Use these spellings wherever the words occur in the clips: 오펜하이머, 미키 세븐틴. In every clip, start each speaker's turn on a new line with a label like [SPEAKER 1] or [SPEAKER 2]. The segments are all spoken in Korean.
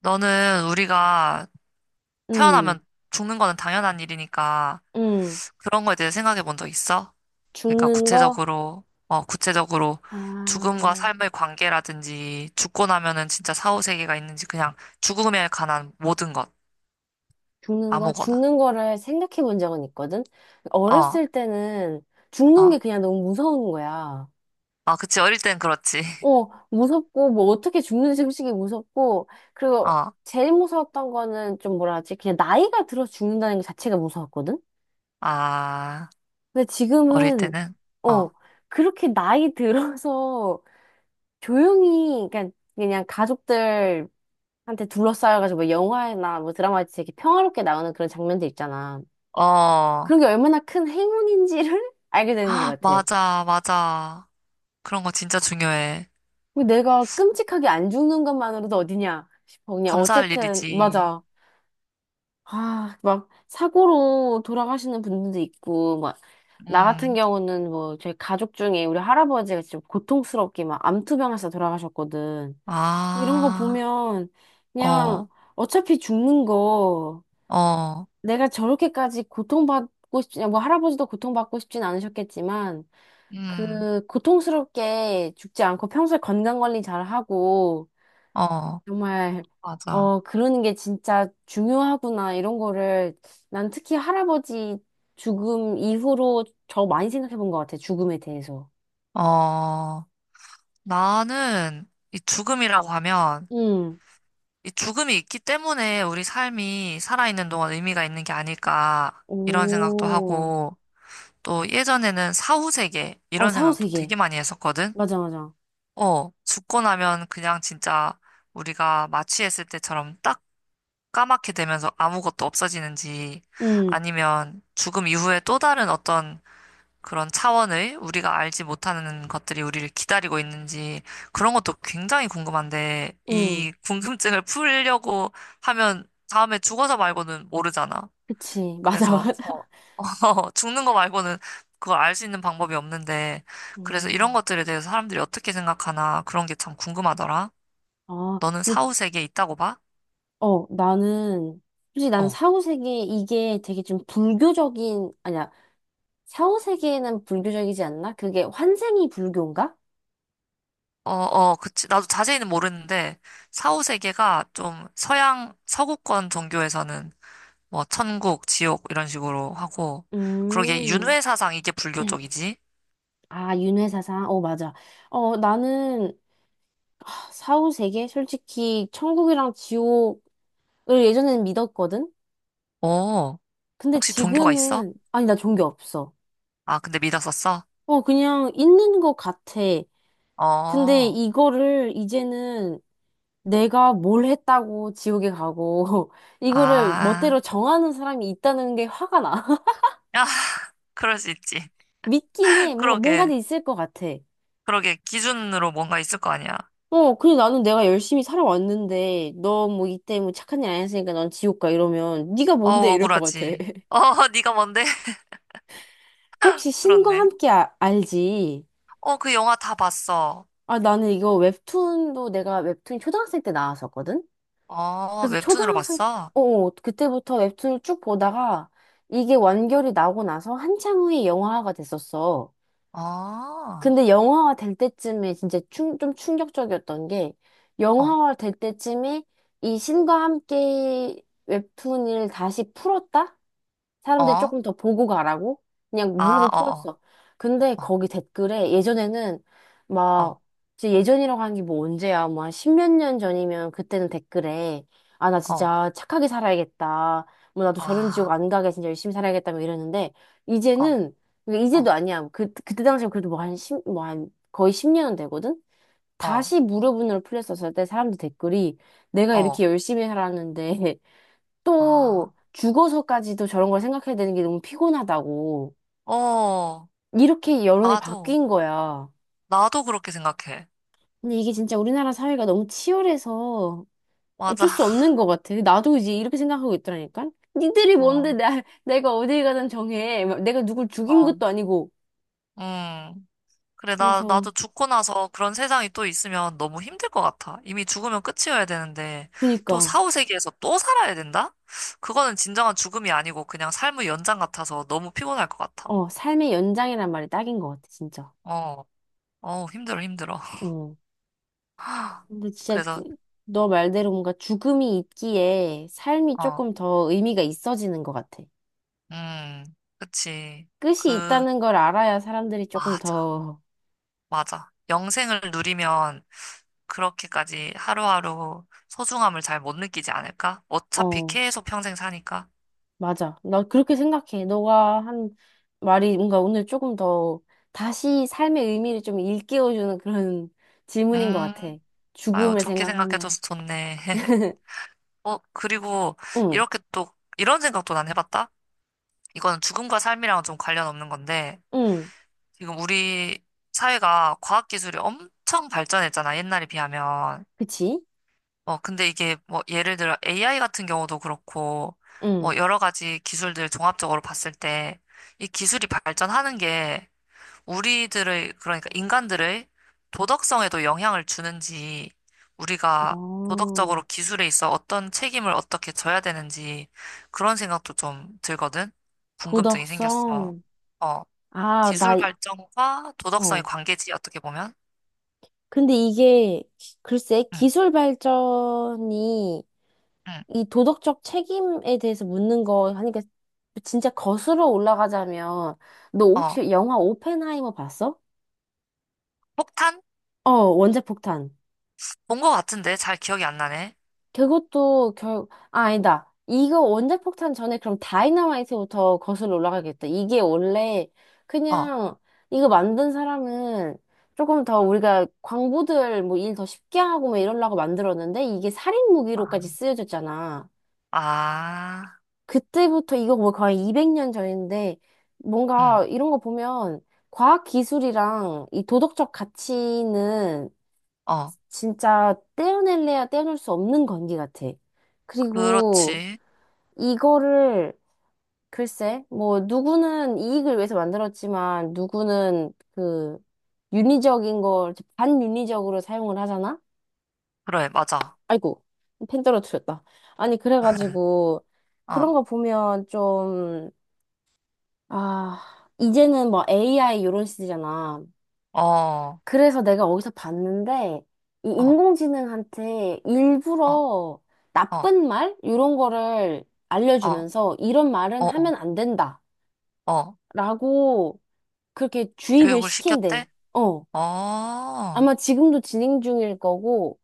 [SPEAKER 1] 너는 우리가
[SPEAKER 2] 음,
[SPEAKER 1] 태어나면 죽는 거는 당연한 일이니까
[SPEAKER 2] 음.
[SPEAKER 1] 그런 거에 대해 생각해 본 적 있어? 그러니까
[SPEAKER 2] 죽는 거?
[SPEAKER 1] 구체적으로 죽음과
[SPEAKER 2] 아,
[SPEAKER 1] 삶의 관계라든지 죽고 나면은 진짜 사후세계가 있는지 그냥 죽음에 관한 모든 것,
[SPEAKER 2] 죽는 거?
[SPEAKER 1] 아무거나.
[SPEAKER 2] 죽는 거를 생각해 본 적은 있거든?
[SPEAKER 1] 어,
[SPEAKER 2] 어렸을 때는 죽는
[SPEAKER 1] 어.
[SPEAKER 2] 게 그냥 너무 무서운 거야.
[SPEAKER 1] 아, 그치. 어릴 땐 그렇지.
[SPEAKER 2] 무섭고, 뭐 어떻게 죽는지 솔직히 무섭고, 그리고
[SPEAKER 1] 어,
[SPEAKER 2] 제일 무서웠던 거는 좀 뭐라 하지? 그냥 나이가 들어 죽는다는 것 자체가 무서웠거든?
[SPEAKER 1] 아,
[SPEAKER 2] 근데
[SPEAKER 1] 어릴
[SPEAKER 2] 지금은,
[SPEAKER 1] 때는?
[SPEAKER 2] 어,
[SPEAKER 1] 어,
[SPEAKER 2] 그렇게 나이 들어서 조용히, 그냥, 그냥 가족들 한테 둘러싸여가지고 뭐 영화나 뭐 드라마에서 되게 평화롭게 나오는 그런 장면들 있잖아.
[SPEAKER 1] 어.
[SPEAKER 2] 그런 게 얼마나 큰 행운인지를 알게 되는 것 같아.
[SPEAKER 1] 맞아, 맞아. 그런 거 진짜 중요해.
[SPEAKER 2] 왜 내가 끔찍하게 안 죽는 것만으로도 어디냐 싶어. 그냥
[SPEAKER 1] 감사할
[SPEAKER 2] 어쨌든
[SPEAKER 1] 일이지.
[SPEAKER 2] 맞아. 아, 막 사고로 돌아가시는 분들도 있고 막 나 같은
[SPEAKER 1] 음,
[SPEAKER 2] 경우는 뭐 저희 가족 중에 우리 할아버지가 좀 고통스럽게 막 암투병해서 돌아가셨거든. 이런 거
[SPEAKER 1] 아.
[SPEAKER 2] 보면 그냥
[SPEAKER 1] 어,
[SPEAKER 2] 어차피 죽는 거
[SPEAKER 1] 어,
[SPEAKER 2] 내가 저렇게까지 고통받고 싶지, 뭐 할아버지도 고통받고 싶진 않으셨겠지만,
[SPEAKER 1] 음,
[SPEAKER 2] 그 고통스럽게 죽지 않고 평소에 건강 관리 잘 하고,
[SPEAKER 1] 어,
[SPEAKER 2] 정말,
[SPEAKER 1] 맞아.
[SPEAKER 2] 그러는 게 진짜 중요하구나, 이런 거를, 난 특히 할아버지 죽음 이후로 저 많이 생각해 본 것 같아, 죽음에 대해서.
[SPEAKER 1] 어, 나는 이 죽음이라고 하면
[SPEAKER 2] 응,
[SPEAKER 1] 이 죽음이 있기 때문에 우리 삶이 살아있는 동안 의미가 있는 게 아닐까 이런 생각도
[SPEAKER 2] 오,
[SPEAKER 1] 하고 또 예전에는 사후세계
[SPEAKER 2] 어,
[SPEAKER 1] 이런
[SPEAKER 2] 사후
[SPEAKER 1] 생각도
[SPEAKER 2] 세계.
[SPEAKER 1] 되게 많이 했었거든.
[SPEAKER 2] 맞아, 맞아.
[SPEAKER 1] 어, 죽고 나면 그냥 진짜 우리가 마취했을 때처럼 딱 까맣게 되면서 아무것도 없어지는지
[SPEAKER 2] 응,
[SPEAKER 1] 아니면 죽음 이후에 또 다른 어떤 그런 차원의 우리가 알지 못하는 것들이 우리를 기다리고 있는지 그런 것도 굉장히 궁금한데
[SPEAKER 2] 응,
[SPEAKER 1] 이 궁금증을 풀려고 하면 다음에 죽어서 말고는 모르잖아.
[SPEAKER 2] 그치. 맞아,
[SPEAKER 1] 그래서 어,
[SPEAKER 2] 맞아.
[SPEAKER 1] 어, 죽는 거 말고는 그걸 알 수 있는 방법이 없는데 그래서 이런
[SPEAKER 2] 음.
[SPEAKER 1] 것들에 대해서 사람들이 어떻게 생각하나 그런 게 참 궁금하더라.
[SPEAKER 2] 아,
[SPEAKER 1] 너는
[SPEAKER 2] 근데
[SPEAKER 1] 사후 세계에 있다고 봐?
[SPEAKER 2] 나는, 솔직히 나는
[SPEAKER 1] 어,
[SPEAKER 2] 4, 세계 이게 되게 좀 불교적인, 아니야, 사후세계는 불교적이지 않나? 그게 환생이 불교인가?
[SPEAKER 1] 어, 어, 그치. 나도 자세히는 모르는데, 사후 세계가 좀 서양, 서구권 종교에서는 뭐 천국, 지옥 이런 식으로 하고 그러게
[SPEAKER 2] 음.
[SPEAKER 1] 윤회 사상 이게 불교 쪽이지?
[SPEAKER 2] 아, 윤회사상? 어, 맞아. 나는 사후세계 솔직히 천국이랑 지옥을 예전에는 믿었거든?
[SPEAKER 1] 어,
[SPEAKER 2] 근데
[SPEAKER 1] 혹시 종교가 있어?
[SPEAKER 2] 지금은, 아니, 나 종교 없어.
[SPEAKER 1] 아, 근데 믿었었어?
[SPEAKER 2] 그냥 있는 것 같아. 근데
[SPEAKER 1] 어,
[SPEAKER 2] 이거를 이제는 내가 뭘 했다고 지옥에 가고, 이거를
[SPEAKER 1] 아,
[SPEAKER 2] 멋대로 정하는 사람이 있다는 게 화가 나.
[SPEAKER 1] 야 그럴 수 있지.
[SPEAKER 2] 믿긴 해. 뭔가,
[SPEAKER 1] 그러게,
[SPEAKER 2] 뭔가는 있을 것 같아.
[SPEAKER 1] 그러게 기준으로 뭔가 있을 거 아니야.
[SPEAKER 2] 근데 나는 내가 열심히 살아왔는데, 너 뭐 이때 뭐 착한 일 안 했으니까 넌 지옥 가 이러면, 네가
[SPEAKER 1] 어,
[SPEAKER 2] 뭔데 이럴 것 같아.
[SPEAKER 1] 억울하지. 어, 네가 뭔데?
[SPEAKER 2] 혹시 신과
[SPEAKER 1] 그렇네.
[SPEAKER 2] 함께 알지?
[SPEAKER 1] 어, 그 영화 다 봤어.
[SPEAKER 2] 아, 나는 이거 웹툰도 내가 웹툰 초등학생 때 나왔었거든?
[SPEAKER 1] 어,
[SPEAKER 2] 그래서
[SPEAKER 1] 웹툰으로
[SPEAKER 2] 초등학생,
[SPEAKER 1] 봤어?
[SPEAKER 2] 그때부터 웹툰을 쭉 보다가, 이게 완결이 나고 나서 한참 후에 영화화가 됐었어.
[SPEAKER 1] 어,
[SPEAKER 2] 근데 영화화 될 때쯤에 진짜 좀 충격적이었던 게
[SPEAKER 1] 어,
[SPEAKER 2] 영화화 될 때쯤에 이 신과 함께 웹툰을 다시 풀었다? 사람들이
[SPEAKER 1] 어,
[SPEAKER 2] 조금 더 보고 가라고 그냥
[SPEAKER 1] 아,
[SPEAKER 2] 무료로
[SPEAKER 1] 어,
[SPEAKER 2] 풀었어. 근데
[SPEAKER 1] 어,
[SPEAKER 2] 거기 댓글에 예전에는
[SPEAKER 1] 어, 어,
[SPEAKER 2] 막 진짜 예전이라고 하는 게 뭐 언제야? 뭐 한 십몇 년 전이면 그때는 댓글에 아, 나
[SPEAKER 1] 어,
[SPEAKER 2] 진짜 착하게 살아야겠다. 뭐 나도 저런 지옥
[SPEAKER 1] 아,
[SPEAKER 2] 안 가게 진짜 열심히 살아야겠다. 뭐 이랬는데
[SPEAKER 1] 어,
[SPEAKER 2] 이제는 그러니까
[SPEAKER 1] 어,
[SPEAKER 2] 이제도 아니야. 그때 당시에 그래도 뭐 한 십 뭐 한 거의 10년은 되거든.
[SPEAKER 1] 어,
[SPEAKER 2] 다시 무료분으로 풀렸었을 때 사람들 댓글이 내가
[SPEAKER 1] 어,
[SPEAKER 2] 이렇게 열심히 살았는데 또
[SPEAKER 1] 아.
[SPEAKER 2] 죽어서까지도 저런 걸 생각해야 되는 게 너무 피곤하다고.
[SPEAKER 1] 어,
[SPEAKER 2] 이렇게 여론이
[SPEAKER 1] 나도,
[SPEAKER 2] 바뀐 거야.
[SPEAKER 1] 나도 그렇게 생각해.
[SPEAKER 2] 근데 이게 진짜 우리나라 사회가 너무 치열해서
[SPEAKER 1] 맞아.
[SPEAKER 2] 어쩔 수 없는 것 같아. 나도 이제 이렇게 생각하고 있더라니까. 니들이
[SPEAKER 1] 어,
[SPEAKER 2] 뭔데 내가 어딜 가든 정해. 막 내가 누굴 죽인
[SPEAKER 1] 어,
[SPEAKER 2] 것도 아니고.
[SPEAKER 1] 음. 그래,
[SPEAKER 2] 그래서
[SPEAKER 1] 나도 죽고 나서 그런 세상이 또 있으면 너무 힘들 것 같아. 이미 죽으면 끝이어야 되는데, 또
[SPEAKER 2] 그니까
[SPEAKER 1] 사후세계에서 또 살아야 된다? 그거는 진정한 죽음이 아니고 그냥 삶의 연장 같아서 너무 피곤할 것 같아.
[SPEAKER 2] 삶의 연장이란 말이 딱인 것 같아 진짜.
[SPEAKER 1] 어, 어, 힘들어, 힘들어.
[SPEAKER 2] 어 근데 진짜
[SPEAKER 1] 그래서,
[SPEAKER 2] 너 말대로 뭔가 죽음이 있기에 삶이
[SPEAKER 1] 어,
[SPEAKER 2] 조금 더 의미가 있어지는 것 같아.
[SPEAKER 1] 음, 그치.
[SPEAKER 2] 끝이
[SPEAKER 1] 그,
[SPEAKER 2] 있다는 걸 알아야 사람들이 조금
[SPEAKER 1] 맞아,
[SPEAKER 2] 더,
[SPEAKER 1] 맞아. 영생을 누리면 그렇게까지 하루하루 소중함을 잘 못 느끼지 않을까? 어차피
[SPEAKER 2] 어,
[SPEAKER 1] 계속 평생 사니까.
[SPEAKER 2] 맞아. 나 그렇게 생각해. 너가 한 말이 뭔가 오늘 조금 더 다시 삶의 의미를 좀 일깨워주는 그런 질문인 것
[SPEAKER 1] 음,
[SPEAKER 2] 같아.
[SPEAKER 1] 아유,
[SPEAKER 2] 죽음을
[SPEAKER 1] 좋게
[SPEAKER 2] 생각하면.
[SPEAKER 1] 생각해줘서 좋네. 어, 그리고
[SPEAKER 2] 응,
[SPEAKER 1] 이렇게 또, 이런 생각도 난 해봤다? 이거는 죽음과 삶이랑은 좀 관련 없는 건데,
[SPEAKER 2] 응,
[SPEAKER 1] 지금 우리 사회가 과학기술이 엄청 발전했잖아, 옛날에 비하면.
[SPEAKER 2] 그치?
[SPEAKER 1] 어, 근데 이게 뭐, 예를 들어 AI 같은 경우도 그렇고,
[SPEAKER 2] 응.
[SPEAKER 1] 뭐, 여러 가지 기술들 종합적으로 봤을 때, 이 기술이 발전하는 게 우리들의, 그러니까 인간들의 도덕성에도 영향을 주는지, 우리가 도덕적으로
[SPEAKER 2] 어,
[SPEAKER 1] 기술에 있어 어떤 책임을 어떻게 져야 되는지, 그런 생각도 좀 들거든? 궁금증이 생겼어.
[SPEAKER 2] 도덕성.
[SPEAKER 1] 어,
[SPEAKER 2] 아, 나,
[SPEAKER 1] 기술 발전과 도덕성의
[SPEAKER 2] 어.
[SPEAKER 1] 관계지, 어떻게 보면?
[SPEAKER 2] 근데 이게, 글쎄,
[SPEAKER 1] 응,
[SPEAKER 2] 기술 발전이
[SPEAKER 1] 응.
[SPEAKER 2] 이 도덕적 책임에 대해서 묻는 거 하니까 진짜 거슬러 올라가자면 너
[SPEAKER 1] 어,
[SPEAKER 2] 혹시 영화 오펜하이머 봤어?
[SPEAKER 1] 폭탄?
[SPEAKER 2] 어, 원자폭탄.
[SPEAKER 1] 본 것 같은데, 잘 기억이 안 나네.
[SPEAKER 2] 그것도 아, 아니다. 이거 원자폭탄 전에 그럼 다이너마이트부터 거슬러 올라가겠다. 이게 원래
[SPEAKER 1] 어,
[SPEAKER 2] 그냥 이거 만든 사람은 조금 더 우리가 광부들 뭐 일 더 쉽게 하고 막 이러려고 만들었는데 이게 살인
[SPEAKER 1] 아,
[SPEAKER 2] 무기로까지 쓰여졌잖아.
[SPEAKER 1] 아,
[SPEAKER 2] 그때부터 이거 뭐 거의 200년 전인데 뭔가
[SPEAKER 1] 응,
[SPEAKER 2] 이런 거 보면 과학 기술이랑 이 도덕적 가치는
[SPEAKER 1] 어,
[SPEAKER 2] 진짜 떼어낼래야 떼어낼 수 없는 관계 같아. 그리고
[SPEAKER 1] 그렇지.
[SPEAKER 2] 이거를 글쎄 뭐 누구는 이익을 위해서 만들었지만 누구는 그 윤리적인 걸 반윤리적으로 사용을 하잖아?
[SPEAKER 1] 그래, 맞아.
[SPEAKER 2] 아이고 펜 떨어뜨렸다. 아니 그래가지고 그런
[SPEAKER 1] 어,
[SPEAKER 2] 거 보면 좀 아, 이제는 뭐 AI 이런 시대잖아.
[SPEAKER 1] 어,
[SPEAKER 2] 그래서 내가 어디서 봤는데, 이
[SPEAKER 1] 어,
[SPEAKER 2] 인공지능한테
[SPEAKER 1] 어,
[SPEAKER 2] 일부러
[SPEAKER 1] 어,
[SPEAKER 2] 나쁜 말? 이런 거를
[SPEAKER 1] 어.
[SPEAKER 2] 알려주면서 이런 말은
[SPEAKER 1] 어, 어.
[SPEAKER 2] 하면 안 된다.
[SPEAKER 1] 어,
[SPEAKER 2] 라고 그렇게 주입을
[SPEAKER 1] 교육을
[SPEAKER 2] 시킨대.
[SPEAKER 1] 시켰대?
[SPEAKER 2] 어.
[SPEAKER 1] 어,
[SPEAKER 2] 아마 지금도 진행 중일 거고,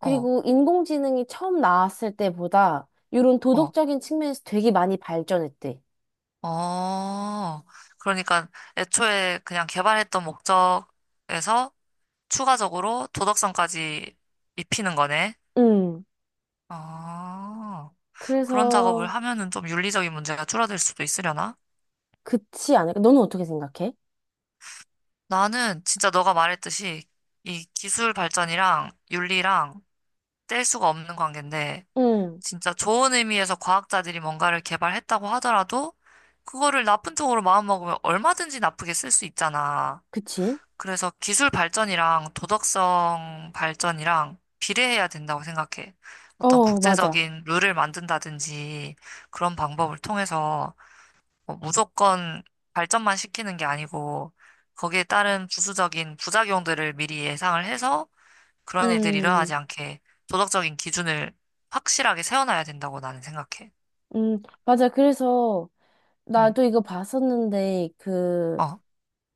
[SPEAKER 1] 어,
[SPEAKER 2] 인공지능이 처음 나왔을 때보다 이런
[SPEAKER 1] 어,
[SPEAKER 2] 도덕적인 측면에서 되게 많이 발전했대.
[SPEAKER 1] 어. 그러니까 애초에 그냥 개발했던 목적에서 추가적으로 도덕성까지 입히는 거네.
[SPEAKER 2] 음.
[SPEAKER 1] 아, 그런 작업을
[SPEAKER 2] 그래서,
[SPEAKER 1] 하면은 좀 윤리적인 문제가 줄어들 수도 있으려나?
[SPEAKER 2] 그치 않을까? 너는 어떻게 생각해?
[SPEAKER 1] 나는 진짜 너가 말했듯이 이 기술 발전이랑 윤리랑 뗄 수가 없는 관계인데
[SPEAKER 2] 응,
[SPEAKER 1] 진짜 좋은 의미에서 과학자들이 뭔가를 개발했다고 하더라도 그거를 나쁜 쪽으로 마음먹으면 얼마든지 나쁘게 쓸 수 있잖아.
[SPEAKER 2] 그치?
[SPEAKER 1] 그래서 기술 발전이랑 도덕성 발전이랑 비례해야 된다고 생각해. 어떤
[SPEAKER 2] 어, 맞아.
[SPEAKER 1] 국제적인 룰을 만든다든지 그런 방법을 통해서 뭐 무조건 발전만 시키는 게 아니고 거기에 따른 부수적인 부작용들을 미리 예상을 해서 그런 일들이
[SPEAKER 2] 음,
[SPEAKER 1] 일어나지 않게 도덕적인 기준을 확실하게 세워놔야 된다고 나는 생각해.
[SPEAKER 2] 맞아. 그래서
[SPEAKER 1] 응.
[SPEAKER 2] 나도 이거 봤었는데 그
[SPEAKER 1] 어.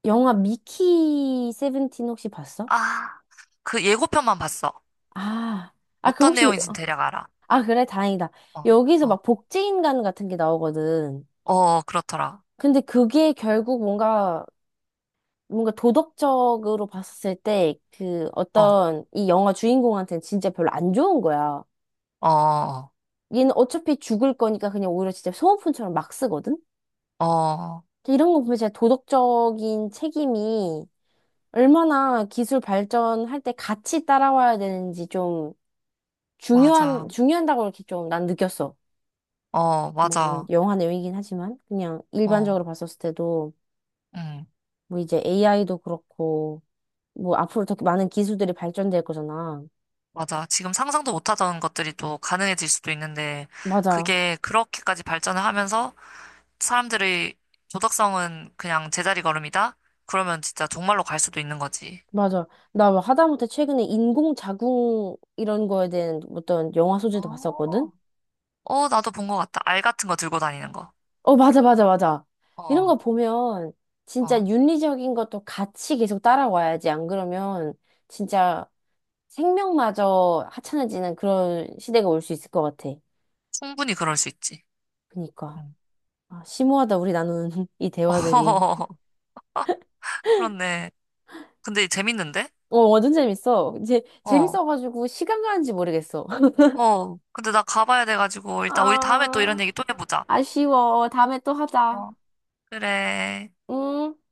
[SPEAKER 2] 영화 미키 세븐틴 혹시 봤어?
[SPEAKER 1] 아, 그 예고편만 봤어.
[SPEAKER 2] 아, 아, 그
[SPEAKER 1] 어떤
[SPEAKER 2] 혹시
[SPEAKER 1] 내용인지 대략 알아.
[SPEAKER 2] 아, 그래? 다행이다.
[SPEAKER 1] 어,
[SPEAKER 2] 여기서
[SPEAKER 1] 어,
[SPEAKER 2] 막 복제인간 같은 게 나오거든.
[SPEAKER 1] 어, 그렇더라.
[SPEAKER 2] 근데 그게 결국 뭔가 도덕적으로 봤을 때 그
[SPEAKER 1] 어,
[SPEAKER 2] 어떤 이 영화 주인공한테는 진짜 별로 안 좋은 거야.
[SPEAKER 1] 어, 어,
[SPEAKER 2] 얘는 어차피 죽을 거니까 그냥 오히려 진짜 소모품처럼 막 쓰거든?
[SPEAKER 1] 어,
[SPEAKER 2] 이런 거 보면 진짜 도덕적인 책임이 얼마나 기술 발전할 때 같이 따라와야 되는지 좀
[SPEAKER 1] 맞아.
[SPEAKER 2] 중요한다고 이렇게 좀 난 느꼈어.
[SPEAKER 1] 어,
[SPEAKER 2] 뭐,
[SPEAKER 1] 맞아.
[SPEAKER 2] 영화 내용이긴 하지만, 그냥
[SPEAKER 1] 어,
[SPEAKER 2] 일반적으로 봤었을 때도,
[SPEAKER 1] 응,
[SPEAKER 2] 뭐 이제 AI도 그렇고, 뭐 앞으로 더 많은 기술들이 발전될 거잖아.
[SPEAKER 1] 맞아. 지금 상상도 못하던 것들이 또 가능해질 수도 있는데,
[SPEAKER 2] 맞아.
[SPEAKER 1] 그게 그렇게까지 발전을 하면서 사람들의 도덕성은 그냥 제자리 걸음이다? 그러면 진짜 정말로 갈 수도 있는 거지.
[SPEAKER 2] 맞아. 나 뭐 하다못해 최근에 인공자궁 이런 거에 대한 어떤 영화 소재도
[SPEAKER 1] 어,
[SPEAKER 2] 봤었거든?
[SPEAKER 1] 어, 나도 본 것 같다. 알 같은 거 들고 다니는 거.
[SPEAKER 2] 어, 맞아, 맞아, 맞아. 이런
[SPEAKER 1] 어,
[SPEAKER 2] 거 보면 진짜
[SPEAKER 1] 어.
[SPEAKER 2] 윤리적인 것도 같이 계속 따라와야지. 안 그러면 진짜 생명마저 하찮아지는 그런 시대가 올 수 있을 것 같아.
[SPEAKER 1] 충분히 그럴 수 있지.
[SPEAKER 2] 그니까.
[SPEAKER 1] 응.
[SPEAKER 2] 아, 심오하다, 우리 나누는 이 대화들이.
[SPEAKER 1] 어, 그렇네. 근데 재밌는데?
[SPEAKER 2] 어, 완전 재밌어. 이제
[SPEAKER 1] 어,
[SPEAKER 2] 재밌어가지고 시간 가는지 모르겠어.
[SPEAKER 1] 어. 근데 나 가봐야 돼가지고, 일단 우리 다음에 또 이런
[SPEAKER 2] 아,
[SPEAKER 1] 얘기 또 해보자.
[SPEAKER 2] 아쉬워. 다음에 또 하자.
[SPEAKER 1] 어. 그래.
[SPEAKER 2] 응?